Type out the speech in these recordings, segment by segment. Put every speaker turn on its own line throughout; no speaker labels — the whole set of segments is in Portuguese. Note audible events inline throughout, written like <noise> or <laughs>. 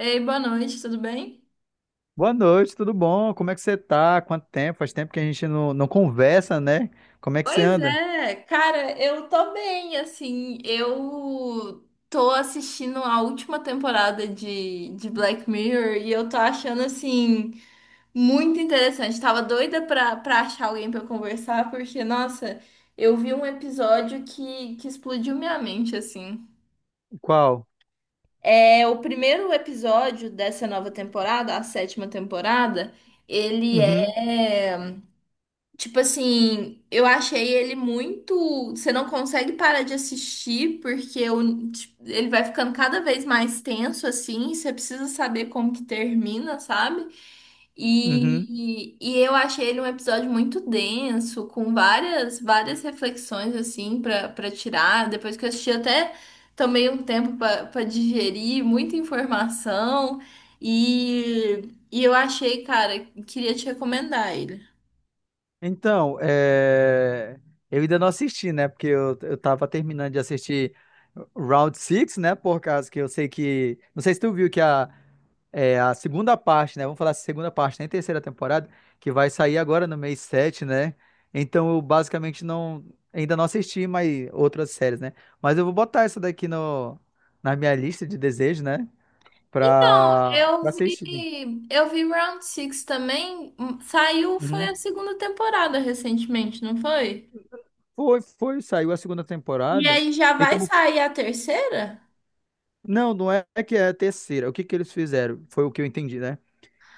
Ei, boa noite, tudo bem?
Boa noite, tudo bom? Como é que você tá? Quanto tempo? Faz tempo que a gente não conversa, né? Como é que você
Pois
anda?
é, cara, eu tô bem, assim, eu tô assistindo a última temporada de Black Mirror e eu tô achando, assim, muito interessante. Tava doida pra achar alguém pra conversar, porque, nossa, eu vi um episódio que explodiu minha mente, assim.
Qual?
É, o primeiro episódio dessa nova temporada, a sétima temporada, ele
Uhum.
é. Tipo assim, eu achei ele muito. Você não consegue parar de assistir, porque tipo, ele vai ficando cada vez mais tenso, assim. Você precisa saber como que termina, sabe?
uhum.
E eu achei ele um episódio muito denso, com várias, várias reflexões, assim, pra tirar. Depois que eu assisti, até tomei um tempo pra digerir, muita informação. E eu achei, cara, queria te recomendar ele.
Então, eu ainda não assisti, né? Porque eu tava terminando de assistir Round Six, né? Por causa que eu sei que. Não sei se tu viu que a, é a segunda parte, né? Vamos falar da segunda parte, nem terceira temporada, que vai sair agora no mês 7, né? Então eu basicamente não ainda não assisti mais outras séries, né? Mas eu vou botar essa daqui no, na minha lista de desejos, né?
Então,
Pra
eu
assistir.
vi, eu vi Round Six também. Saiu, foi
Uhum.
a segunda temporada recentemente, não foi?
Foi, saiu a segunda
E
temporada.
aí já
E
vai
como.
sair a terceira?
Não, não é que é a terceira. O que que eles fizeram? Foi o que eu entendi, né?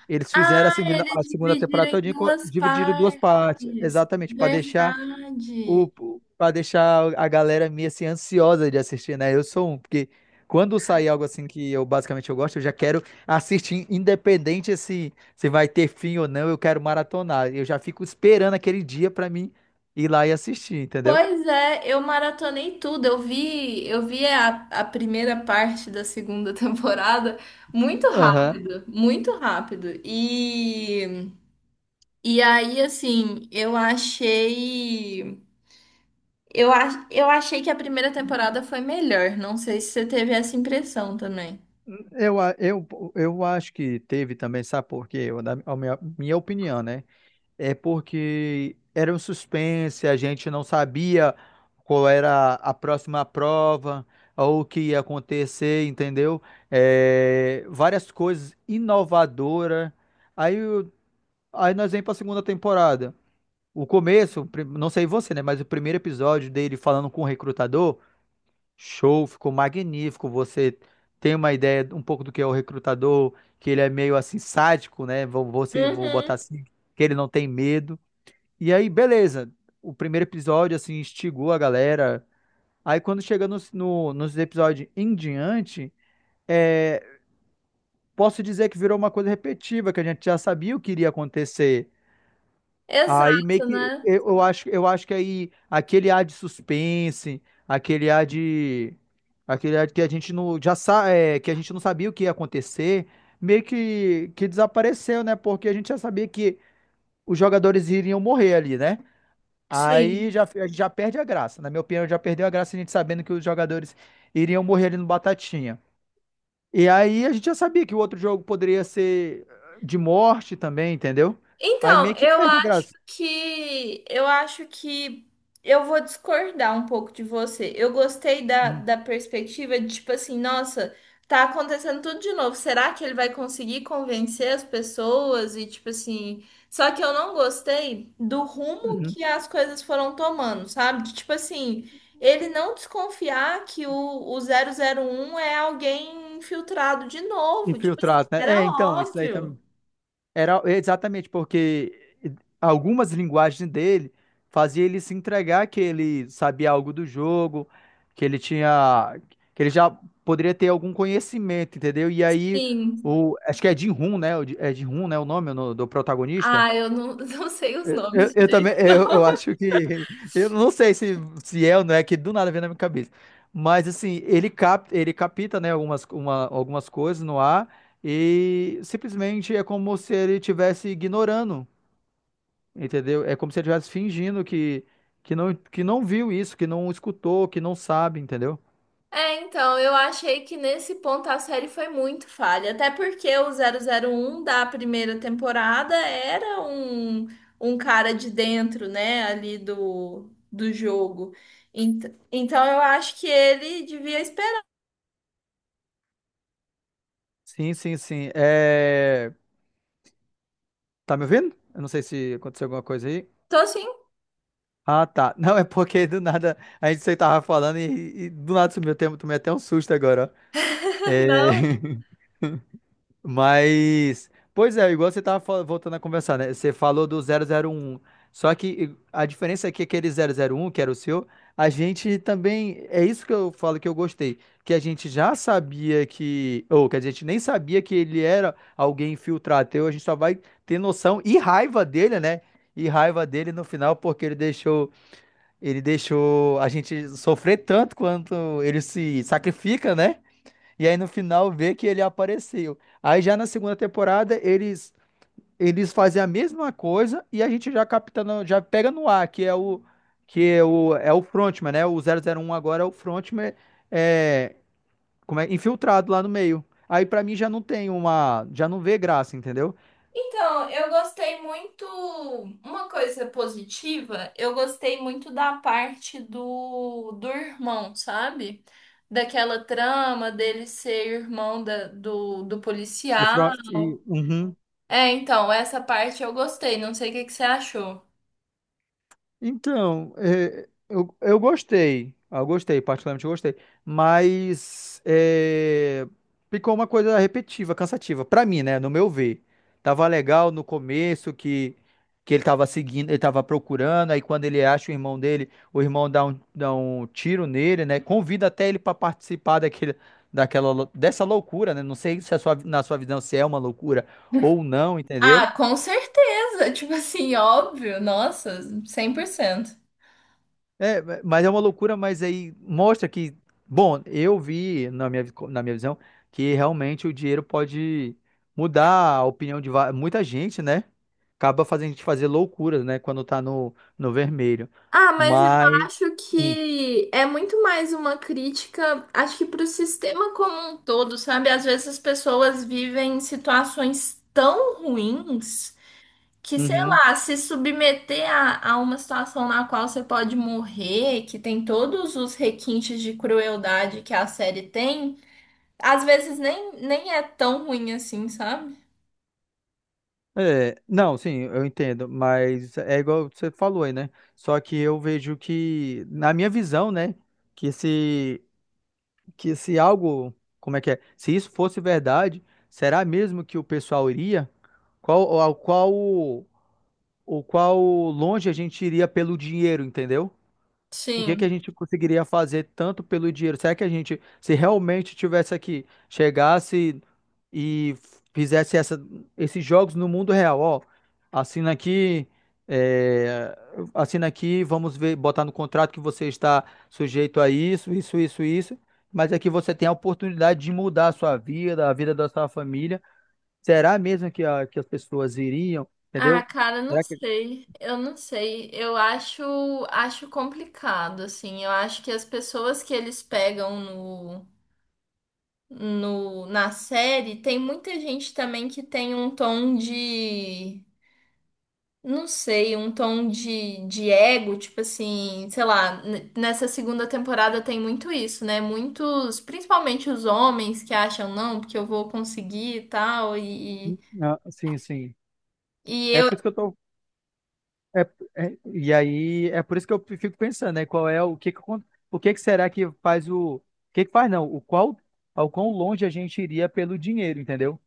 Eles fizeram
Ah, eles
a segunda
dividiram
temporada
em
todinha,
duas
dividiram em duas partes.
partes.
Exatamente, para deixar o,
Verdade.
para deixar a galera meio assim ansiosa de assistir, né? Eu sou um, porque quando sair algo assim que eu basicamente eu gosto, eu já quero assistir, independente se vai ter fim ou não, eu quero maratonar. Eu já fico esperando aquele dia pra mim ir lá e assistir, entendeu?
Pois é, eu maratonei tudo. Eu vi a primeira parte da segunda <laughs> temporada muito
Aham.
rápido, muito rápido. E aí, assim, eu achei. Eu achei que a primeira temporada foi melhor. Não sei se você teve essa impressão também.
Eu, a- eu, eu acho que teve também, sabe por quê? Eu, na, a minha, minha opinião, né? É porque era um suspense, a gente não sabia qual era a próxima prova ou o que ia acontecer, entendeu? É, várias coisas inovadoras. Aí, o- aí nós vamos para a segunda temporada. O começo, o prim- não sei você, né? Mas o primeiro episódio dele falando com o recrutador, show, ficou magnífico. Você tem uma ideia um pouco do que é o recrutador, que ele é meio assim sádico, né? Vou, vou, se- vou
Uhum,
botar assim, que ele não tem medo. E aí, beleza. O primeiro episódio, assim, instigou a galera. Aí, quando chega nos, no- nos episódios em diante, é, posso dizer que virou uma coisa repetitiva, que a gente já sabia o que iria acontecer. Aí, meio
exato,
que,
né?
eu acho que aí, aquele ar de suspense, aquele ar de... aquele ar que a gente não, já sa, é, que a gente não sabia o que ia acontecer, meio que desapareceu, né? Porque a gente já sabia que os jogadores iriam morrer ali, né?
Sim.
Aí já, a gente já perde a graça. Na minha opinião, já perdeu a graça a gente sabendo que os jogadores iriam morrer ali no Batatinha. E aí a gente já sabia que o outro jogo poderia ser de morte também, entendeu? Aí
Então,
meio que
eu
perde a
acho
graça.
que eu acho que eu vou discordar um pouco de você. Eu gostei da,
Uhum.
da perspectiva de tipo assim, nossa, tá acontecendo tudo de novo. Será que ele vai conseguir convencer as pessoas? E tipo assim, só que eu não gostei do rumo
Uhum.
que as coisas foram tomando, sabe? De, tipo assim, ele não desconfiar que o zero zero um é alguém infiltrado de novo. Tipo assim,
Infiltrado, né?
era
É, então, isso aí
óbvio.
também. Era exatamente porque algumas linguagens dele fazia ele se entregar que ele sabia algo do jogo, que ele tinha, que ele já poderia ter algum conhecimento, entendeu? E aí
Sim.
acho que é Jin-Hoon, né? É Jin-Hoon, né? O nome do do protagonista.
Ah, eu não, <laughs> não sei os nomes direito, não.
Eu acho que, eu não sei se, se é ou não é, que do nada vem na minha cabeça, mas assim, ele capta, né, algumas coisas no ar e simplesmente é como se ele estivesse ignorando, entendeu? É como se ele estivesse fingindo que não viu isso, que não escutou, que não sabe, entendeu?
É, então, eu achei que nesse ponto a série foi muito falha. Até porque o 001 da primeira temporada era um cara de dentro, né, ali do jogo. Ent- Então, eu acho que ele devia esperar.
Sim, sim, sim, é... Tá me ouvindo? Eu não sei se aconteceu alguma coisa aí.
Tô sim,
Ah, tá. <laughs> Não, é porque do nada a gente você tava falando e do nada sumiu o tempo, tomei até um susto agora. Ó.
<laughs>
É,
não.
<laughs> mas, pois é, igual você tava voltando a conversar, né? Você falou do zero zero um, só que a diferença é que aquele zero zero um, que era o seu, a gente também, é isso que eu falo que eu gostei, que a gente já sabia que, ou que a gente nem sabia que ele era alguém infiltrado, então a gente só vai ter noção e raiva dele, né? E raiva dele no final porque ele deixou a gente sofrer tanto quanto ele se sacrifica, né? E aí no final vê que ele apareceu. Aí já na segunda temporada eles fazem a mesma coisa e a gente já capta já pega no ar, que é o frontman, né? O zero zero um agora é o frontman é, como é infiltrado lá no meio. Aí pra mim já não tem uma, já não vê graça, entendeu?
Então, eu gostei muito. Uma coisa positiva, eu gostei muito da parte do irmão, sabe? Daquela trama dele ser irmão do
O front,
policial.
e, uhum.
É, então, essa parte eu gostei. Não sei o que que você achou.
Então, é, eu gostei. Eu gostei, particularmente eu gostei. Mas é, ficou uma coisa repetitiva, cansativa. Pra mim, né? No meu ver. Tava legal no começo que ele tava seguindo, ele tava procurando. Aí quando ele acha o irmão dele, o irmão dá um tiro nele, né? Convida até ele pra participar daquela, dessa loucura, né? Não sei se na sua visão se é uma loucura ou não, entendeu?
Ah, com certeza. Tipo assim, óbvio. Nossa, cem por cento.
É, mas é uma loucura, mas aí mostra que, bom, eu vi na minha visão que realmente o dinheiro pode mudar a opinião de muita gente, né? Acaba fazendo a gente fazer loucuras, né? Quando tá no vermelho.
Ah, mas eu
Mas.
acho
Hum,
que é muito mais uma crítica, acho que para o sistema como um todo, sabe? Às vezes as pessoas vivem situações tão ruins que, sei
uhum.
lá, se submeter a uma situação na qual você pode morrer, que tem todos os requintes de crueldade que a série tem, às vezes nem é tão ruim assim, sabe?
É, não, sim, eu entendo, mas é igual você falou aí, né? Só que eu vejo que, na minha visão, né? Que esse. Que se algo, como é que é? Se isso fosse verdade, será mesmo que o pessoal iria? Qual, ao qual, o qual longe a gente iria pelo dinheiro, entendeu? O que que a
Sim.
gente conseguiria fazer tanto pelo dinheiro? Será que a gente, se realmente tivesse aqui, chegasse e fizesse esses jogos no mundo real, ó, assina aqui, é, assina aqui, vamos ver, botar no contrato que você está sujeito a isso, isso, isso, isso, mas aqui você tem a oportunidade de mudar a sua vida, a vida da sua família. Será mesmo que as pessoas iriam,
Ah,
entendeu?
cara, não
Será que...
sei. Eu não sei. Eu acho complicado, assim. Eu acho que as pessoas que eles pegam no, no, na série, tem muita gente também que tem um tom de, não sei, um tom de ego, tipo assim, sei lá, nessa segunda temporada tem muito isso, né? Muitos, principalmente os homens que acham, não, porque eu vou conseguir e tal, e
Ah, sim, sim.
e
É
eu.
por isso que eu tô é, e aí é por isso que eu fico pensando, né? Qual é o que acon- o que que será que faz o que que faz não? O qual ao quão longe a gente iria pelo dinheiro, entendeu?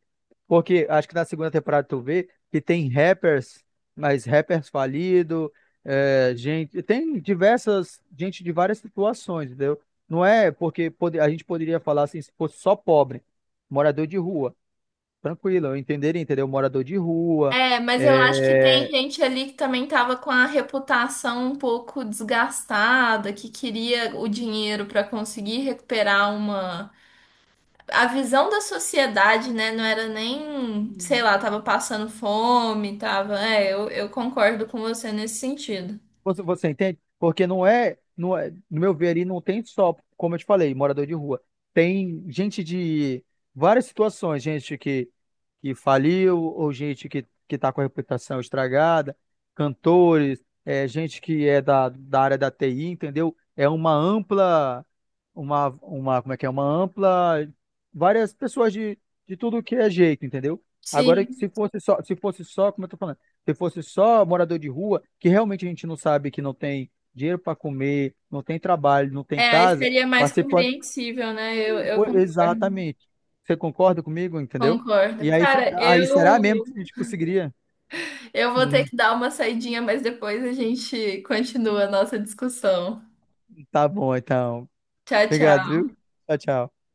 Porque acho que na segunda temporada tu vê que tem rappers, mas rappers falido, é, gente, tem diversas gente de várias situações, entendeu? Não é porque a gente poderia falar assim, se fosse só pobre, morador de rua, tranquilo, eu entenderia, entendeu? Morador de rua
É, mas eu acho que tem
é,
gente ali que também tava com a reputação um pouco desgastada, que queria o dinheiro para conseguir recuperar uma. A visão da sociedade, né? Não era nem, sei lá, tava passando fome, tava. É, eu concordo com você nesse sentido.
você, você entende? Porque não é, não é, no meu ver ali, não tem só, como eu te falei, morador de rua. Tem gente de várias situações, gente que faliu, ou gente que tá com a reputação estragada, cantores, é, gente que é da área da TI, entendeu? É uma ampla, uma, como é que é? Uma ampla, várias pessoas de tudo que é jeito, entendeu? Agora,
Sim.
se fosse só, se fosse só, como eu tô falando se fosse só morador de rua, que realmente a gente não sabe que não tem dinheiro para comer, não tem trabalho, não tem
É, aí
casa,
seria mais
participando.
compreensível, né? Eu
Pô,
concordo.
exatamente. Você concorda comigo, entendeu?
Concordo.
E aí,
Cara,
fica- aí será mesmo que
eu,
a gente conseguiria?
eu vou ter
Hum,
que dar uma saidinha, mas depois a gente continua a nossa discussão.
tá bom, então.
Tchau,
Obrigado,
tchau.
viu? Tchau, tchau.